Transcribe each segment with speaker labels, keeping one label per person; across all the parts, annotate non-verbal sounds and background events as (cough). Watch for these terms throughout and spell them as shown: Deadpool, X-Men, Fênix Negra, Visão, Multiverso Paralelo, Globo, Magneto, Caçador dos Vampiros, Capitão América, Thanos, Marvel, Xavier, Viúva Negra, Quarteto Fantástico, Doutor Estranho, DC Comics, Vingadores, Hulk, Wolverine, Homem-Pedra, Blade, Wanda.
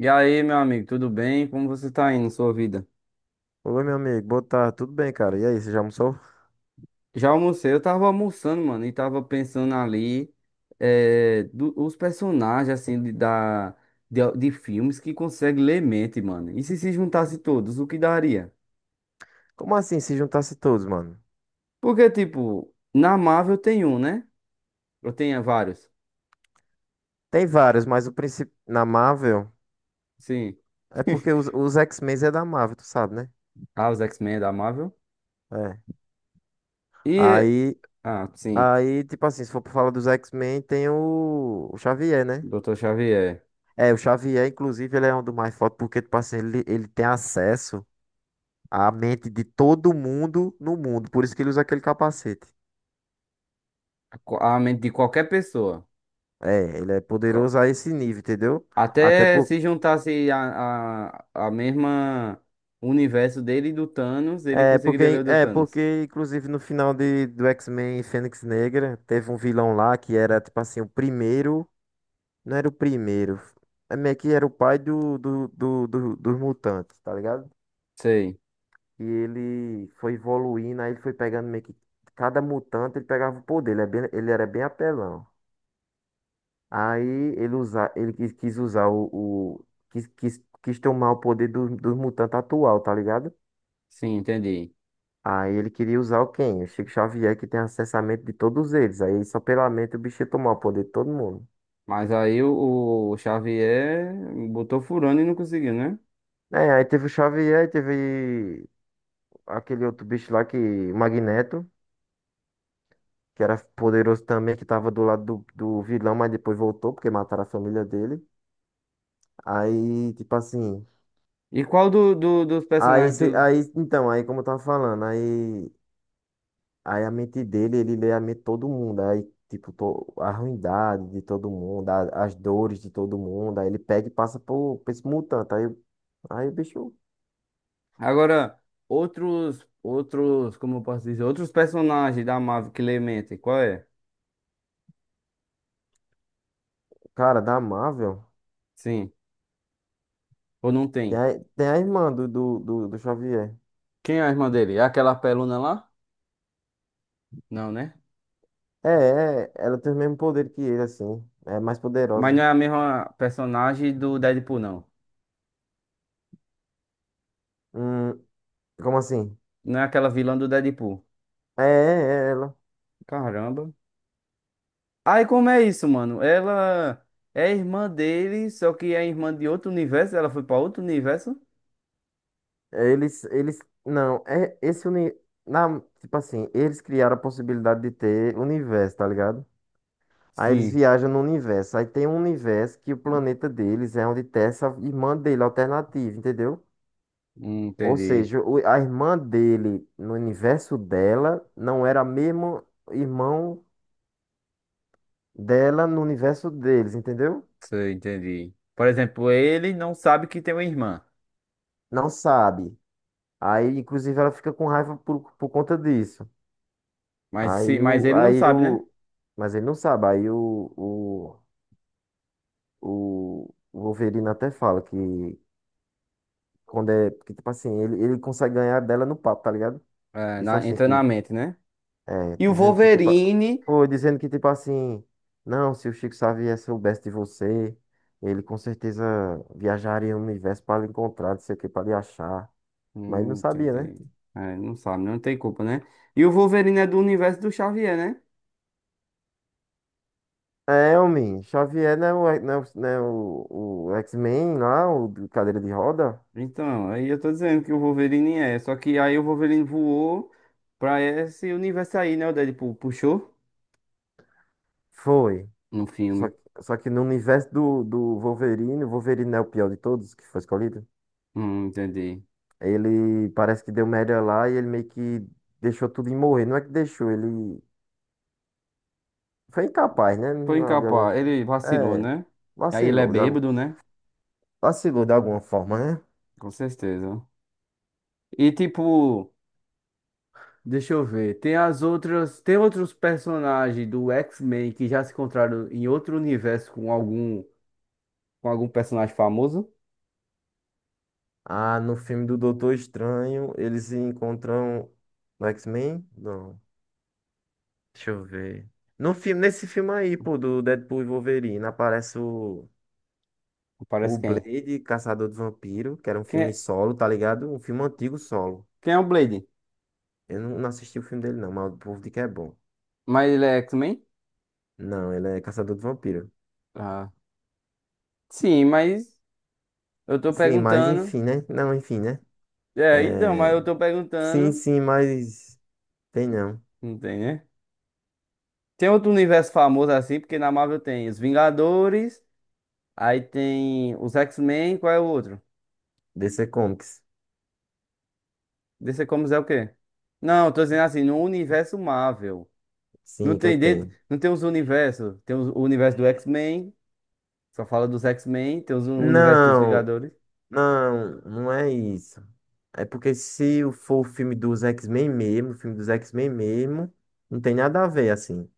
Speaker 1: E aí, meu amigo, tudo bem? Como você tá indo, sua vida?
Speaker 2: Oi, meu amigo, boa tarde, tudo bem, cara? E aí, você já almoçou?
Speaker 1: Já almocei, eu tava almoçando, mano, e tava pensando ali os personagens, assim, de filmes que conseguem ler mente, mano. E se juntasse todos, o que daria?
Speaker 2: Como assim, se juntasse todos, mano?
Speaker 1: Porque, tipo, na Marvel tem um, né? Eu tenho vários.
Speaker 2: Tem vários, mas o principal na Marvel
Speaker 1: Sim.
Speaker 2: é porque
Speaker 1: (laughs)
Speaker 2: os X-Men é da Marvel, tu sabe, né?
Speaker 1: Ah, os X-Men da Marvel.
Speaker 2: É.
Speaker 1: E,
Speaker 2: Aí,
Speaker 1: ah, sim,
Speaker 2: tipo assim, se for pra falar dos X-Men, tem o Xavier, né?
Speaker 1: Dr. Xavier.
Speaker 2: É, o Xavier, inclusive, ele é um dos mais fortes porque, tipo assim, ele tem acesso à mente de todo mundo no mundo, por isso que ele usa aquele capacete.
Speaker 1: A mente de qualquer pessoa.
Speaker 2: É, ele é poderoso a esse nível, entendeu? Até
Speaker 1: Até
Speaker 2: por.
Speaker 1: se juntasse a mesma universo dele e do Thanos, ele
Speaker 2: É
Speaker 1: conseguiria ler
Speaker 2: porque,
Speaker 1: o do
Speaker 2: é
Speaker 1: Thanos.
Speaker 2: porque, inclusive, no final do X-Men Fênix Negra, teve um vilão lá que era, tipo assim, o primeiro. Não era o primeiro. É meio que era o pai dos mutantes, tá ligado?
Speaker 1: Sei,
Speaker 2: E ele foi evoluindo, aí ele foi pegando meio que. Cada mutante ele pegava o poder, ele, ele era bem apelão. Aí ele, ele quis usar o. o- quis tomar o poder dos mutantes atual, tá ligado?
Speaker 1: sim, entendi.
Speaker 2: Aí ele queria usar o quem? O Chico Xavier, que tem acesso à mente de todos eles. Aí só pela mente o bicho ia tomar o poder de todo mundo.
Speaker 1: Mas aí o Xavier botou furando e não conseguiu, né?
Speaker 2: É, aí teve o Xavier, aí teve aquele outro bicho lá que, o Magneto, que era poderoso também, que tava do lado do vilão, mas depois voltou, porque mataram a família dele. Aí, tipo assim.
Speaker 1: E qual dos
Speaker 2: Aí,
Speaker 1: personagens
Speaker 2: cê-
Speaker 1: do.
Speaker 2: aí, então, aí como eu tava falando, aí. Aí a mente dele, ele lê a mente de todo mundo. Aí, tipo, a ruindade de todo mundo, as dores de todo mundo. Aí ele pega e passa por esse mutante. Aí, o bicho,
Speaker 1: Agora, como eu posso dizer, outros personagens da Marvel que lê mente, qual é?
Speaker 2: cara, da Marvel.
Speaker 1: Sim, ou não
Speaker 2: Tem
Speaker 1: tem?
Speaker 2: a, tem a irmã do Xavier.
Speaker 1: Quem é a irmã dele? É aquela peluna lá? Não, né?
Speaker 2: É, ela tem o mesmo poder que ele, assim. É mais
Speaker 1: Mas
Speaker 2: poderosa.
Speaker 1: não é a mesma personagem do Deadpool, não.
Speaker 2: Hum, como assim?
Speaker 1: Não é aquela vilã do Deadpool.
Speaker 2: É ela.
Speaker 1: Caramba. Aí como é isso, mano? Ela é irmã dele, só que é irmã de outro universo. Ela foi pra outro universo?
Speaker 2: Eles, eles, não, tipo assim, eles criaram a possibilidade de ter universo, tá ligado? Aí eles
Speaker 1: Sim,
Speaker 2: viajam no universo. Aí tem um universo que o planeta deles é onde tem essa irmã dele alternativa, entendeu?
Speaker 1: hum,
Speaker 2: Ou
Speaker 1: entendi.
Speaker 2: seja, a irmã dele no universo dela não era a mesma irmão dela no universo deles, entendeu?
Speaker 1: Sei, entendi. Por exemplo, ele não sabe que tem uma irmã.
Speaker 2: Não sabe. Aí, inclusive, ela fica com raiva por conta disso.
Speaker 1: Mas, se,
Speaker 2: Aí
Speaker 1: mas
Speaker 2: o,
Speaker 1: ele não
Speaker 2: aí
Speaker 1: sabe, né?
Speaker 2: o, mas ele não sabe. Aí o Wolverine até fala que quando é, que tipo assim, ele consegue ganhar dela no papo, tá ligado?
Speaker 1: É,
Speaker 2: Disse
Speaker 1: na,
Speaker 2: assim
Speaker 1: entra na
Speaker 2: que,
Speaker 1: mente, né?
Speaker 2: é,
Speaker 1: E o
Speaker 2: dizendo que tipo,
Speaker 1: Wolverine.
Speaker 2: foi dizendo que tipo assim, não, se o Chico Xavier soubesse de você, ele com certeza viajaria no universo para lhe encontrar, não sei o que, para lhe achar. Mas ele não sabia, né?
Speaker 1: Entendi. É, não sabe, não tem culpa, né? E o Wolverine é do universo do Xavier, né?
Speaker 2: É, homem, Xavier não é o, o X-Men lá, o de cadeira de roda?
Speaker 1: Então, aí eu tô dizendo que o Wolverine é. Só que aí o Wolverine voou pra esse universo aí, né? O Deadpool puxou
Speaker 2: Foi.
Speaker 1: no filme.
Speaker 2: Só que no universo do Wolverine, o Wolverine não é o pior de todos que foi escolhido.
Speaker 1: Entendi.
Speaker 2: Ele parece que deu merda lá e ele meio que deixou tudo em morrer. Não é que deixou, ele foi incapaz, né?
Speaker 1: Foi
Speaker 2: De alguma
Speaker 1: incapaz.
Speaker 2: forma.
Speaker 1: Ele vacilou,
Speaker 2: É,
Speaker 1: né? E aí ele é
Speaker 2: vacilou de, algum...
Speaker 1: bêbado, né?
Speaker 2: vacilou de alguma forma, né?
Speaker 1: Com certeza. E tipo, deixa eu ver. Tem as outras. Tem outros personagens do X-Men que já se encontraram em outro universo com com algum personagem famoso?
Speaker 2: Ah, no filme do Doutor Estranho, eles encontram no X-Men? Não, deixa eu ver. No filme, nesse filme aí, pô, do Deadpool e Wolverine, aparece o,
Speaker 1: Parece quem?
Speaker 2: Blade, Caçador dos Vampiros, que era um
Speaker 1: Quem
Speaker 2: filme
Speaker 1: é,
Speaker 2: solo, tá ligado? Um filme antigo solo.
Speaker 1: quem é o Blade?
Speaker 2: Eu não assisti o filme dele, não, mas o povo diz que é bom.
Speaker 1: Mas ele é X-Men?
Speaker 2: Não, ele é Caçador dos Vampiros.
Speaker 1: Ah. Sim, mas. Eu tô
Speaker 2: Sim, mas
Speaker 1: perguntando.
Speaker 2: enfim, né? Não, enfim, né?
Speaker 1: É, então, mas
Speaker 2: É...
Speaker 1: eu tô
Speaker 2: Sim,
Speaker 1: perguntando.
Speaker 2: sim, mas. Tem não.
Speaker 1: Não tem, né? Tem outro universo famoso assim, porque na Marvel tem os Vingadores, aí tem os X-Men, qual é o outro?
Speaker 2: DC Comics.
Speaker 1: DC Comics é o quê? Não, eu tô dizendo assim, no universo Marvel.
Speaker 2: Sim,
Speaker 1: Não
Speaker 2: o que é
Speaker 1: tem,
Speaker 2: que
Speaker 1: de...
Speaker 2: tem?
Speaker 1: não tem os universos. Tem o universo do X-Men, só fala dos X-Men, tem os... o universo dos
Speaker 2: Não,
Speaker 1: Vingadores.
Speaker 2: não, não é isso. É porque se for o filme dos X-Men mesmo, o filme dos X-Men mesmo, não tem nada a ver, assim.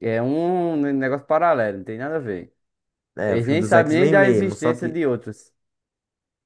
Speaker 1: É um negócio paralelo, não tem nada a ver.
Speaker 2: É, o
Speaker 1: Eles
Speaker 2: filme
Speaker 1: nem
Speaker 2: dos
Speaker 1: sabem nem
Speaker 2: X-Men
Speaker 1: da
Speaker 2: mesmo, só
Speaker 1: existência
Speaker 2: que.
Speaker 1: de outros.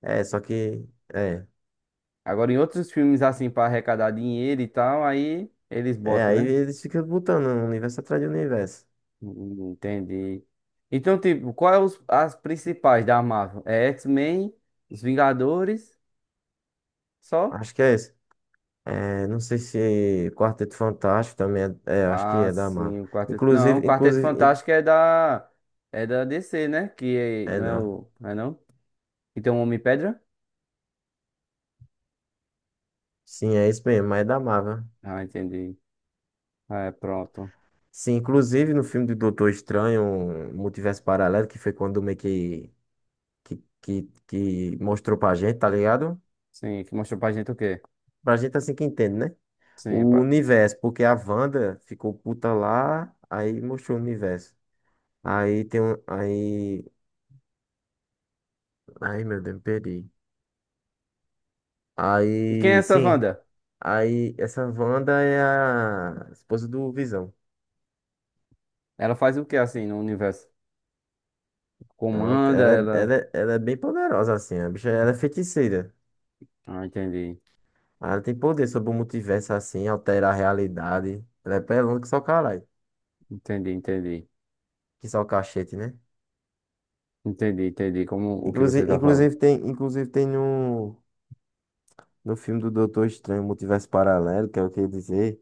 Speaker 2: É, só que. É.
Speaker 1: Agora, em outros filmes, assim, pra arrecadar dinheiro e tal, aí eles
Speaker 2: É,
Speaker 1: botam,
Speaker 2: aí
Speaker 1: né?
Speaker 2: eles ficam botando um universo atrás de universo.
Speaker 1: Entendi. Então, tipo, as principais da Marvel? É X-Men, os Vingadores, só?
Speaker 2: Acho que é esse. É, não sei se Quarteto Fantástico também é. É, acho que
Speaker 1: Ah,
Speaker 2: é da Marvel.
Speaker 1: sim, o Quarteto. Não, o
Speaker 2: Inclusive,
Speaker 1: Quarteto
Speaker 2: inclusive.
Speaker 1: Fantástico é da. É da DC, né?
Speaker 2: É,
Speaker 1: Não é
Speaker 2: não.
Speaker 1: o. Não é não? E tem um Homem-Pedra?
Speaker 2: Sim, é isso mesmo, mas é da Marvel.
Speaker 1: Ah, entendi. Ah, é, pronto.
Speaker 2: Sim, inclusive no filme do Doutor Estranho, um Multiverso Paralelo, que foi quando meio que mostrou pra gente, tá ligado?
Speaker 1: Sim, que mostrou pra gente o quê?
Speaker 2: Pra gente assim que entende, né?
Speaker 1: Sim,
Speaker 2: O
Speaker 1: pra-
Speaker 2: universo, porque a Wanda ficou puta lá, aí mostrou o universo. Aí tem um. Aí. Ai, meu Deus, me perdi.
Speaker 1: E quem é
Speaker 2: Aí,
Speaker 1: essa
Speaker 2: sim.
Speaker 1: Wanda?
Speaker 2: Aí, essa Wanda é a esposa do Visão.
Speaker 1: Ela faz o que assim no universo? Comanda ela.
Speaker 2: Ela é bem poderosa, assim. A bicha, ela é feiticeira.
Speaker 1: Ah, entendi.
Speaker 2: Ela tem poder sobre o multiverso assim, altera a realidade. Ela é pelona que só caralho.
Speaker 1: Entendi, entendi.
Speaker 2: Que só cachete, né?
Speaker 1: Entendi, entendi como o que você
Speaker 2: Inclusive,
Speaker 1: tá falando.
Speaker 2: inclusive tem, inclusive tem no, no filme do Doutor Estranho, Multiverso Paralelo, que é o que eu ia dizer.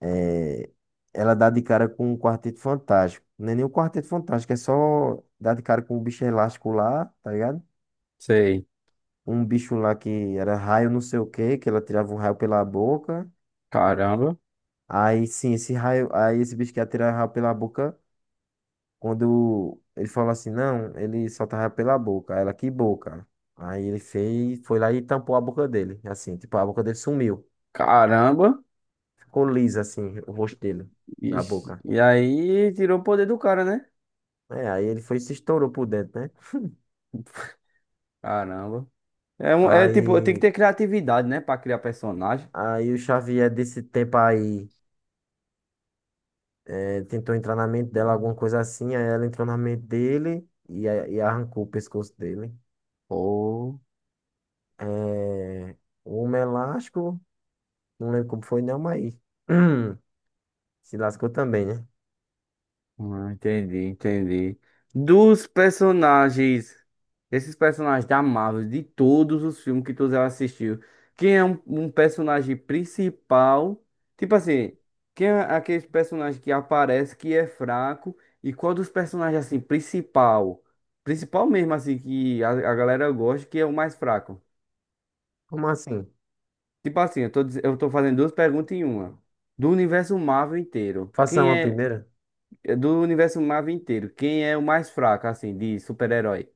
Speaker 2: É, ela dá de cara com um Quarteto Fantástico. Não é nem um Quarteto Fantástico, é só dar de cara com um bicho elástico lá, tá ligado?
Speaker 1: Sei.
Speaker 2: Um bicho lá que era raio não sei o quê, que ela tirava um raio pela boca.
Speaker 1: Caramba.
Speaker 2: Aí sim, esse raio, aí esse bicho que ia tirar raio pela boca. Quando ele falou assim, não, ele só tava pela boca. Aí ela, que boca? Aí ele fez, foi lá e tampou a boca dele, assim, tipo, a boca dele sumiu.
Speaker 1: Caramba.
Speaker 2: Ficou lisa, assim, o rosto dele, da
Speaker 1: Ixi,
Speaker 2: boca.
Speaker 1: e aí tirou o poder do cara, né?
Speaker 2: É, aí ele foi e se estourou por dentro, né?
Speaker 1: Caramba. É, é tipo, tem que
Speaker 2: Aí,
Speaker 1: ter criatividade, né? Pra criar personagem.
Speaker 2: aí, o Xavier desse tempo aí é, tentou entrar na mente dela, alguma
Speaker 1: Hum.
Speaker 2: coisa assim, aí ela entrou na mente dele e, e arrancou o pescoço dele.
Speaker 1: Pô.
Speaker 2: É, o homem elástico, não lembro como foi não, mas (clears throat) se lascou também, né?
Speaker 1: Ah, entendi, entendi. Dos personagens, esses personagens da Marvel, de todos os filmes que tu já assistiu, quem é um personagem principal? Tipo assim, quem é aquele personagem que aparece que é fraco? E qual dos personagens assim principal? Principal mesmo assim que a galera gosta, que é o mais fraco?
Speaker 2: Como assim?
Speaker 1: Tipo assim, eu tô fazendo duas perguntas em uma. Do universo Marvel inteiro,
Speaker 2: Faça
Speaker 1: quem
Speaker 2: uma
Speaker 1: é
Speaker 2: primeira?
Speaker 1: Do universo Marvel inteiro, quem é o mais fraco, assim, de super-herói?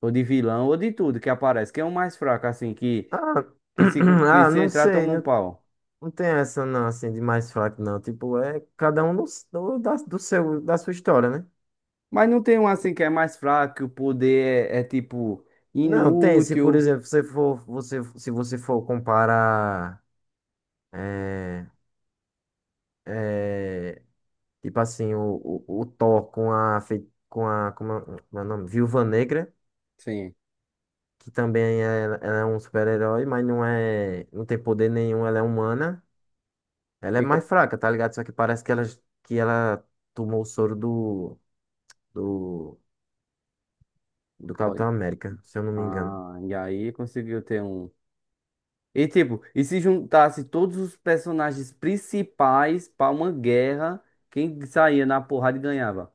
Speaker 1: Ou de vilão, ou de tudo que aparece. Quem é o mais fraco, assim,
Speaker 2: Ah, (clears throat)
Speaker 1: que
Speaker 2: ah,
Speaker 1: se
Speaker 2: não
Speaker 1: entrar
Speaker 2: sei,
Speaker 1: toma um
Speaker 2: não,
Speaker 1: pau?
Speaker 2: não tem essa não, assim, de mais fraco não. Tipo, é cada um do, do, da, do seu, da sua história, né?
Speaker 1: Mas não tem um, assim, que é mais fraco, que o poder tipo,
Speaker 2: Não, tem, se por
Speaker 1: inútil.
Speaker 2: exemplo, você, se você for comparar, é, é, tipo assim, o Thor com a, como é o nome? Viúva Negra,
Speaker 1: Sim.
Speaker 2: que também é, ela é um super-herói, mas não é, não tem poder nenhum, ela é humana. Ela
Speaker 1: E
Speaker 2: é mais
Speaker 1: co-
Speaker 2: fraca, tá ligado? Só que parece que que ela tomou o soro do, do
Speaker 1: Olha.
Speaker 2: Capitão América, se eu não me engano.
Speaker 1: Ah, e aí conseguiu ter um. E tipo, e se juntasse todos os personagens principais pra uma guerra, quem saía na porrada ganhava.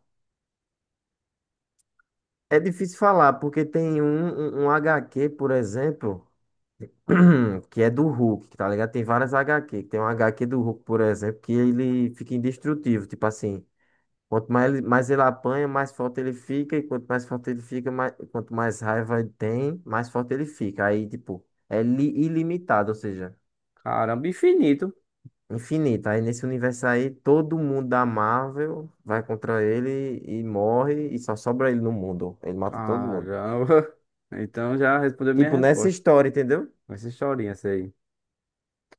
Speaker 2: É difícil falar, porque tem um HQ, por exemplo, (clears throat) que é do Hulk, tá ligado? Tem várias HQ. Tem um HQ do Hulk, por exemplo, que ele fica indestrutível. Tipo assim, quanto mais ele apanha, mais forte ele fica. E quanto mais forte ele fica, quanto mais raiva ele tem, mais forte ele fica. Aí, tipo, ilimitado, ou seja.
Speaker 1: Caramba, infinito.
Speaker 2: Infinita. Aí nesse universo aí, todo mundo da Marvel vai contra ele e morre e só sobra ele no mundo. Ele mata todo mundo.
Speaker 1: Caramba. Então já respondeu minha
Speaker 2: Tipo, nessa
Speaker 1: resposta.
Speaker 2: história, entendeu?
Speaker 1: Vai ser chorinha essa aí.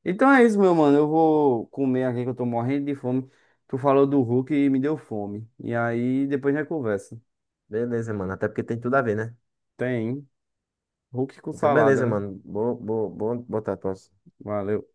Speaker 1: Então é isso, meu mano. Eu vou comer aqui que eu tô morrendo de fome. Tu falou do Hulk e me deu fome. E aí depois a gente conversa.
Speaker 2: Beleza, mano. Até porque tem tudo a ver, né?
Speaker 1: Tem. Hulk com
Speaker 2: Então,
Speaker 1: salada,
Speaker 2: beleza,
Speaker 1: né?
Speaker 2: mano. Boa, boa, boa, boa tatuagem.
Speaker 1: Valeu.